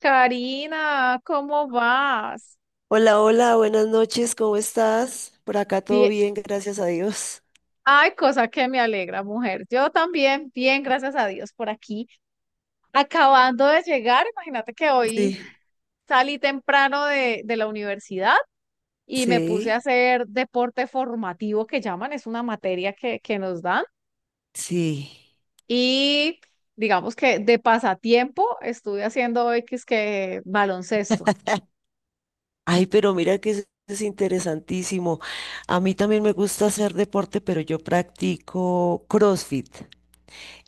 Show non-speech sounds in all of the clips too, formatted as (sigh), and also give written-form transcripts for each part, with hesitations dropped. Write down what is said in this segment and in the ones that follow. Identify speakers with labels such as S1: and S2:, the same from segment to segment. S1: Karina, ¿cómo vas?
S2: Hola, hola, buenas noches, ¿cómo estás? Por acá todo
S1: Bien.
S2: bien, gracias a Dios.
S1: Ay, cosa que me alegra, mujer. Yo también, bien, gracias a Dios, por aquí. Acabando de llegar, imagínate que hoy
S2: Sí,
S1: salí temprano de la universidad y me puse a
S2: sí,
S1: hacer deporte formativo que llaman, es una materia que nos dan.
S2: sí.
S1: Y digamos que de pasatiempo estuve haciendo hoy que es que baloncesto,
S2: Ay, pero mira que es interesantísimo. A mí también me gusta hacer deporte, pero yo practico CrossFit.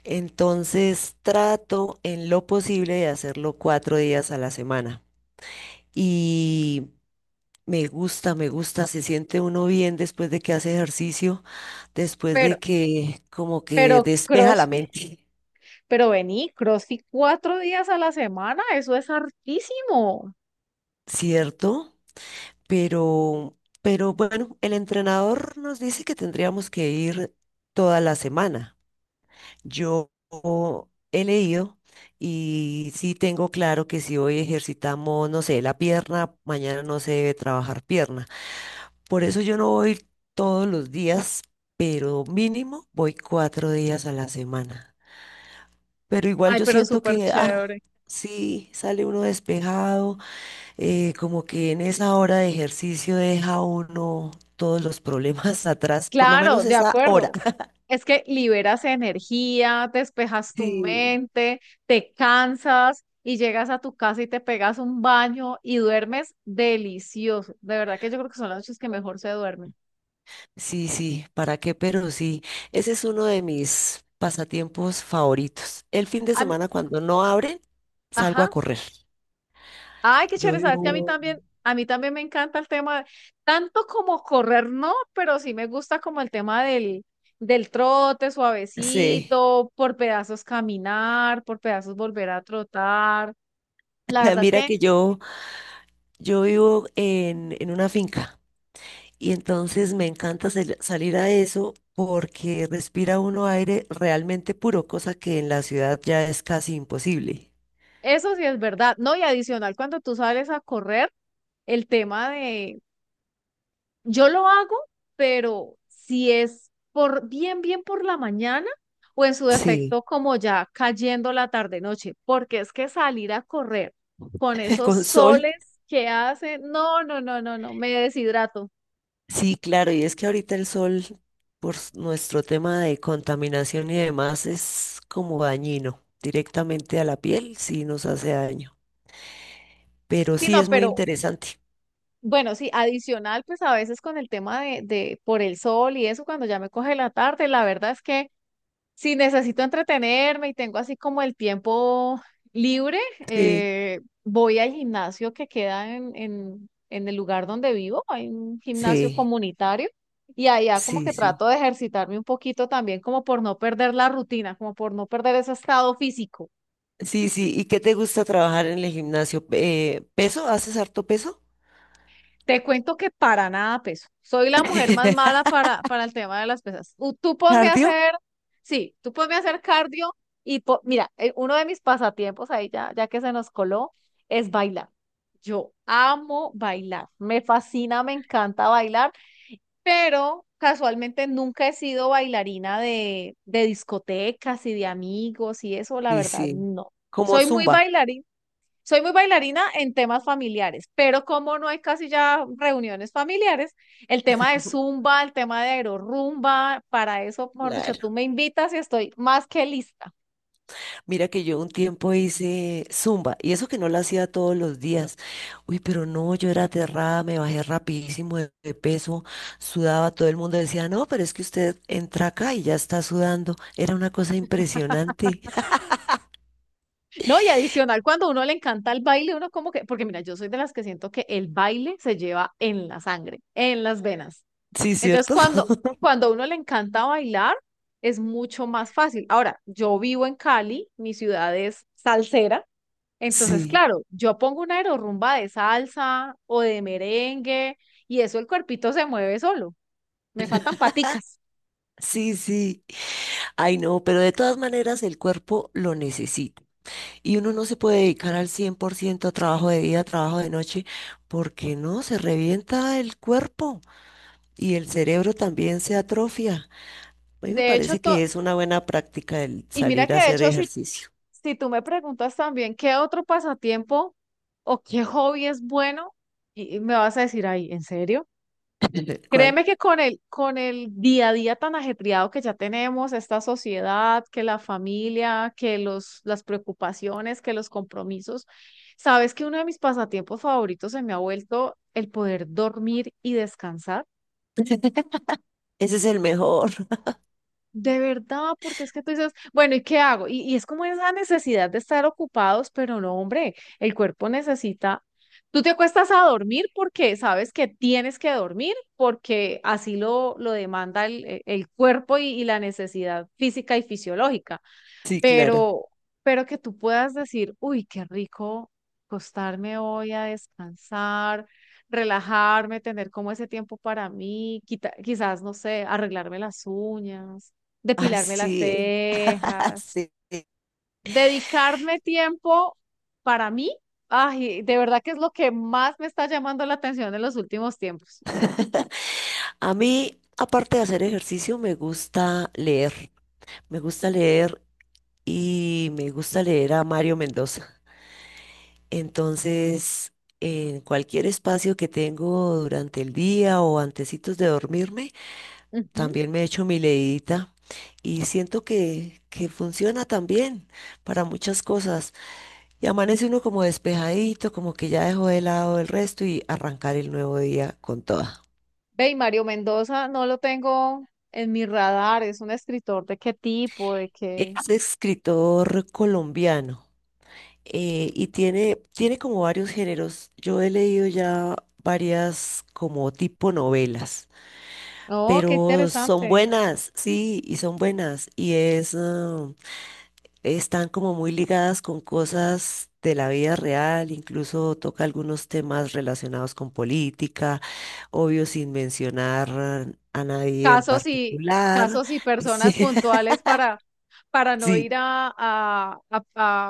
S2: Entonces trato en lo posible de hacerlo cuatro días a la semana. Y me gusta, se siente uno bien después de que hace ejercicio, después
S1: pero,
S2: de que como que
S1: pero
S2: despeja la
S1: CrossFit.
S2: mente.
S1: Pero vení, CrossFit cuatro días a la semana, eso es hartísimo.
S2: Cierto, pero, pero bueno, el entrenador nos dice que tendríamos que ir toda la semana. Yo he leído y sí tengo claro que si hoy ejercitamos, no sé, la pierna, mañana no se debe trabajar pierna. Por eso yo no voy todos los días, pero mínimo voy cuatro días a la semana. Pero igual
S1: Ay,
S2: yo
S1: pero
S2: siento
S1: súper
S2: que,
S1: chévere.
S2: sí, sale uno despejado, como que en esa hora de ejercicio deja uno todos los problemas (laughs) atrás, por lo
S1: Claro,
S2: menos
S1: de
S2: esa hora.
S1: acuerdo. Es que liberas energía, despejas tu
S2: Sí.
S1: mente, te cansas y llegas a tu casa y te pegas un baño y duermes delicioso. De verdad que yo creo que son las noches que mejor se duermen.
S2: Sí, sí, ¿para qué? Pero sí, ese es uno de mis pasatiempos favoritos. El fin de
S1: A mí,
S2: semana cuando no abren, salgo a
S1: ajá.
S2: correr.
S1: Ay, qué
S2: Yo
S1: chévere, sabes que
S2: vivo,
S1: a mí también me encanta el tema, tanto como correr, no, pero sí me gusta como el tema del trote
S2: sí.
S1: suavecito, por pedazos caminar, por pedazos volver a trotar. La
S2: (laughs)
S1: verdad es
S2: mira
S1: que
S2: que yo, yo vivo en una finca. Y entonces me encanta salir a eso porque respira uno aire realmente puro, cosa que en la ciudad ya es casi imposible.
S1: eso sí es verdad, ¿no? Y adicional, cuando tú sales a correr, el tema de yo lo hago, pero si es por bien, bien por la mañana o en su
S2: Sí,
S1: defecto como ya cayendo la tarde-noche, porque es que salir a correr con
S2: (laughs)
S1: esos
S2: con sol.
S1: soles que hacen, no, no, no, no, no, me deshidrato.
S2: Sí, claro, y es que ahorita el sol, nuestro tema de contaminación y demás, es como dañino directamente a la piel, sí nos hace daño. Pero
S1: Sí,
S2: sí
S1: no,
S2: es muy
S1: pero
S2: interesante.
S1: bueno, sí, adicional, pues a veces con el tema de por el sol y eso, cuando ya me coge la tarde, la verdad es que si necesito entretenerme y tengo así como el tiempo libre,
S2: Sí,
S1: voy al gimnasio que queda en el lugar donde vivo. Hay un gimnasio
S2: sí,
S1: comunitario y allá como
S2: sí,
S1: que
S2: sí.
S1: trato de ejercitarme un poquito también como por no perder la rutina, como por no perder ese estado físico.
S2: Sí, sí. ¿Y qué te gusta trabajar en el gimnasio? ¿Peso? ¿Haces harto peso?
S1: Te cuento que para nada peso. Soy la mujer más
S2: (laughs)
S1: mala para el tema de las pesas. Tú ponme a
S2: ¿Cardio?
S1: hacer, sí, tú ponme a hacer cardio y po- mira, uno de mis pasatiempos ahí ya, ya que se nos coló es bailar. Yo amo bailar, me fascina, me encanta bailar, pero casualmente nunca he sido bailarina de discotecas y de amigos y eso, la
S2: Sí,
S1: verdad,
S2: sí.
S1: no.
S2: Como
S1: Soy muy
S2: zumba.
S1: bailarina soy muy bailarina en temas familiares, pero como no hay casi ya reuniones familiares, el tema de zumba, el tema de aerorumba, para eso, mejor dicho, tú
S2: Claro.
S1: me invitas y estoy más que lista.
S2: Mira que yo un tiempo hice zumba y eso que no lo hacía todos los días. Uy, pero no, yo era aterrada, me bajé rapidísimo de peso, sudaba, todo el mundo decía, no, pero es que usted entra acá y ya está sudando. Era una cosa impresionante.
S1: No, y adicional, cuando a uno le encanta el baile, uno como que, porque mira, yo soy de las que siento que el baile se lleva en la sangre, en las venas.
S2: Sí,
S1: Entonces,
S2: ¿cierto?
S1: cuando,
S2: (laughs)
S1: cuando a uno le encanta bailar, es mucho más fácil. Ahora, yo vivo en Cali, mi ciudad es salsera. Entonces,
S2: Sí,
S1: claro, yo pongo una aerorrumba de salsa o de merengue y eso el cuerpito se mueve solo. Me faltan paticas.
S2: sí, sí. Ay, no, pero de todas maneras el cuerpo lo necesita. Y uno no se puede dedicar al 100% a trabajo de día, a trabajo de noche, porque no, se revienta el cuerpo y el cerebro también se atrofia. A mí me
S1: De hecho,
S2: parece
S1: to-
S2: que es una buena práctica el
S1: y mira
S2: salir a
S1: que de
S2: hacer
S1: hecho, si,
S2: ejercicio.
S1: si tú me preguntas también qué otro pasatiempo o qué hobby es bueno, y me vas a decir, ay, ¿en serio?
S2: (laughs) ¿Cuál?
S1: Créeme que con el día a día tan ajetreado que ya tenemos, esta sociedad, que la familia, que los, las preocupaciones, que los compromisos, sabes que uno de mis pasatiempos favoritos se me ha vuelto el poder dormir y descansar.
S2: Ese es el mejor. (laughs)
S1: De verdad, porque es que tú dices, bueno, ¿y qué hago? Y es como esa necesidad de estar ocupados, pero no, hombre, el cuerpo necesita, tú te acuestas a dormir porque sabes que tienes que dormir, porque así lo demanda el cuerpo y la necesidad física y fisiológica
S2: Sí, claro.
S1: pero, pero que tú puedas decir, uy, qué rico acostarme hoy a descansar, relajarme, tener como ese tiempo para mí, quita- quizás, no sé, arreglarme las uñas,
S2: Ay,
S1: depilarme las
S2: sí. (laughs)
S1: cejas,
S2: Sí.
S1: dedicarme tiempo para mí, ay, de verdad que es lo que más me está llamando la atención en los últimos tiempos.
S2: A mí, aparte de hacer ejercicio, me gusta leer. Me gusta leer y me gusta leer a Mario Mendoza. Entonces, en cualquier espacio que tengo durante el día o antecitos de dormirme,
S1: Ujú.
S2: también me echo mi leidita y siento que funciona también para muchas cosas. Y amanece uno como despejadito, como que ya dejó de lado el resto y arrancar el nuevo día con toda.
S1: Ve, y Mario Mendoza no lo tengo en mi radar, es un escritor de qué tipo, de qué.
S2: Es escritor colombiano, y tiene como varios géneros. Yo he leído ya varias como tipo novelas.
S1: Oh, qué
S2: Pero son
S1: interesante.
S2: buenas, sí, y son buenas, y están como muy ligadas con cosas de la vida real, incluso toca algunos temas relacionados con política, obvio sin mencionar a nadie en
S1: Casos y
S2: particular.
S1: casos y
S2: (laughs)
S1: personas
S2: Sí,
S1: puntuales para no
S2: sí,
S1: ir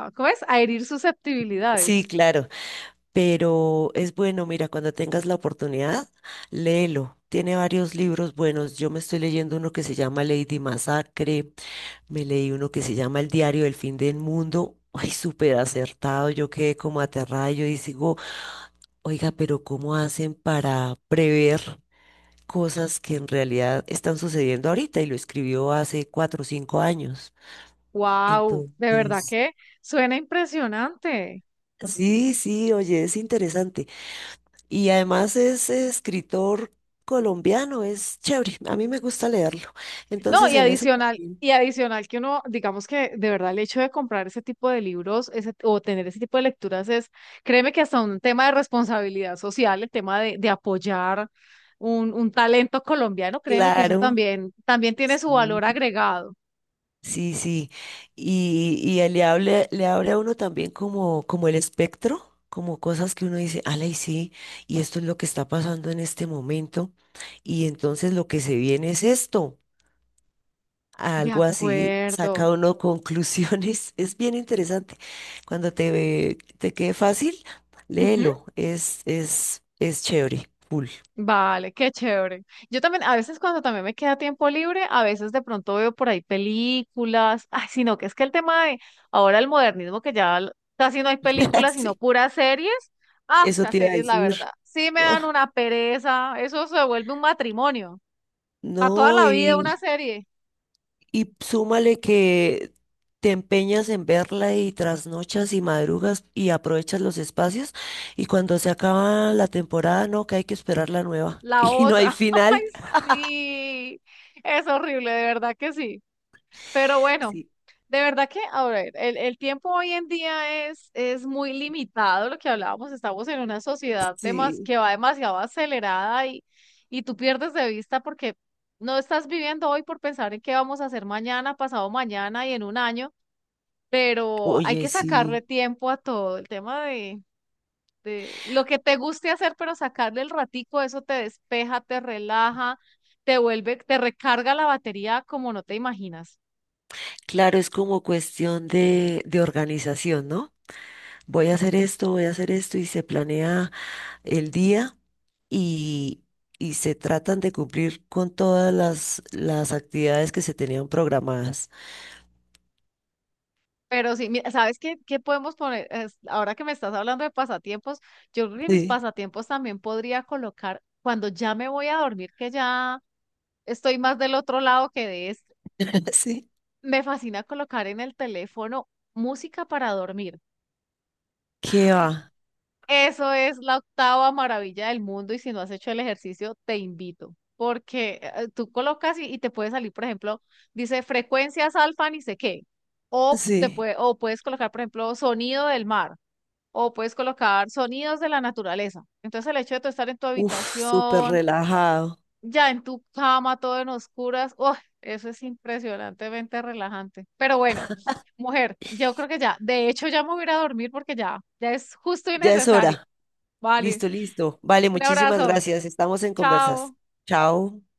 S1: a- ¿cómo es? A herir
S2: sí,
S1: susceptibilidades.
S2: claro. Pero es bueno, mira, cuando tengas la oportunidad, léelo. Tiene varios libros buenos. Yo me estoy leyendo uno que se llama Lady Masacre. Me leí uno que se llama El diario del fin del mundo. Ay, súper acertado. Yo quedé como aterrada. Yo digo, oiga, pero ¿cómo hacen para prever cosas que en realidad están sucediendo ahorita? Y lo escribió hace cuatro o cinco años.
S1: Wow, de verdad
S2: Entonces,
S1: que suena impresionante.
S2: sí, sí, oye, es interesante. Y además es escritor colombiano, es chévere. A mí me gusta leerlo.
S1: No,
S2: Entonces, en eso también,
S1: y adicional que uno, digamos que de verdad el hecho de comprar ese tipo de libros ese- o tener ese tipo de lecturas es, créeme que hasta un tema de responsabilidad social, el tema de apoyar un talento colombiano, créeme que eso
S2: claro.
S1: también, también tiene su valor
S2: Sí,
S1: agregado.
S2: sí, sí. Y él le abre a uno también como, como el espectro, como cosas que uno dice, ala, y sí, y esto es lo que está pasando en este momento. Y entonces lo que se viene es esto.
S1: De
S2: Algo así,
S1: acuerdo.
S2: saca uno conclusiones. (laughs) Es bien interesante. Cuando te quede fácil,
S1: Ujú.
S2: léelo. Es chévere, full.
S1: Vale, qué chévere. Yo también, a veces cuando también me queda tiempo libre, a veces de pronto veo por ahí películas. Ay, sino que es que el tema de ahora el modernismo, que ya l- casi no hay
S2: (laughs)
S1: películas, sino
S2: Sí,
S1: puras series. Ah,
S2: eso
S1: esas
S2: te iba a
S1: series, la
S2: decir.
S1: verdad, sí me dan
S2: Ah,
S1: una pereza. Eso se vuelve un matrimonio. Para toda
S2: no,
S1: la vida una serie,
S2: y súmale que te empeñas en verla y trasnochas y madrugas y aprovechas los espacios. Y cuando se acaba la temporada, no, que hay que esperar la nueva. (laughs)
S1: la
S2: Y no hay
S1: otra. (laughs) Ay,
S2: final. (laughs)
S1: sí. Es horrible, de verdad que sí. Pero bueno,
S2: Sí,
S1: de verdad que, a ver, el tiempo hoy en día es muy limitado, lo que hablábamos, estamos en una sociedad demas-
S2: sí.
S1: que va demasiado acelerada y tú pierdes de vista porque no estás viviendo hoy por pensar en qué vamos a hacer mañana, pasado mañana y en un año, pero hay
S2: Oye,
S1: que sacarle
S2: sí.
S1: tiempo a todo, el tema de lo que te guste hacer, pero sacarle el ratico, eso te despeja, te relaja, te vuelve, te recarga la batería como no te imaginas.
S2: Claro, es como cuestión de organización, ¿no? Voy a hacer esto, voy a hacer esto y se planea el día y, y se tratan de cumplir con todas las actividades que se tenían programadas.
S1: Pero sí, mira, ¿sabes qué, qué podemos poner? Es- ahora que me estás hablando de pasatiempos, yo creo que mis
S2: Sí,
S1: pasatiempos también podría colocar cuando ya me voy a dormir, que ya estoy más del otro lado que de este.
S2: (laughs) sí.
S1: Me fascina colocar en el teléfono música para dormir.
S2: ¿Qué va?
S1: Eso es la octava maravilla del mundo y si no has hecho el ejercicio, te invito, porque tú colocas y te puede salir, por ejemplo, dice frecuencias alfa ni sé qué, o te
S2: Sí,
S1: puede, o puedes colocar, por ejemplo, sonido del mar o puedes colocar sonidos de la naturaleza. Entonces el hecho de tú estar en tu
S2: uf, súper
S1: habitación,
S2: relajado.
S1: ya en tu cama, todo en oscuras, ¡oh! Eso es impresionantemente relajante. Pero bueno, mujer, yo creo que ya, de hecho ya me voy a ir a dormir porque ya, ya es justo y
S2: Ya es
S1: necesario.
S2: hora.
S1: Vale,
S2: Listo, listo. Vale,
S1: un
S2: muchísimas
S1: abrazo,
S2: gracias. Estamos en conversas.
S1: chao.
S2: Chao.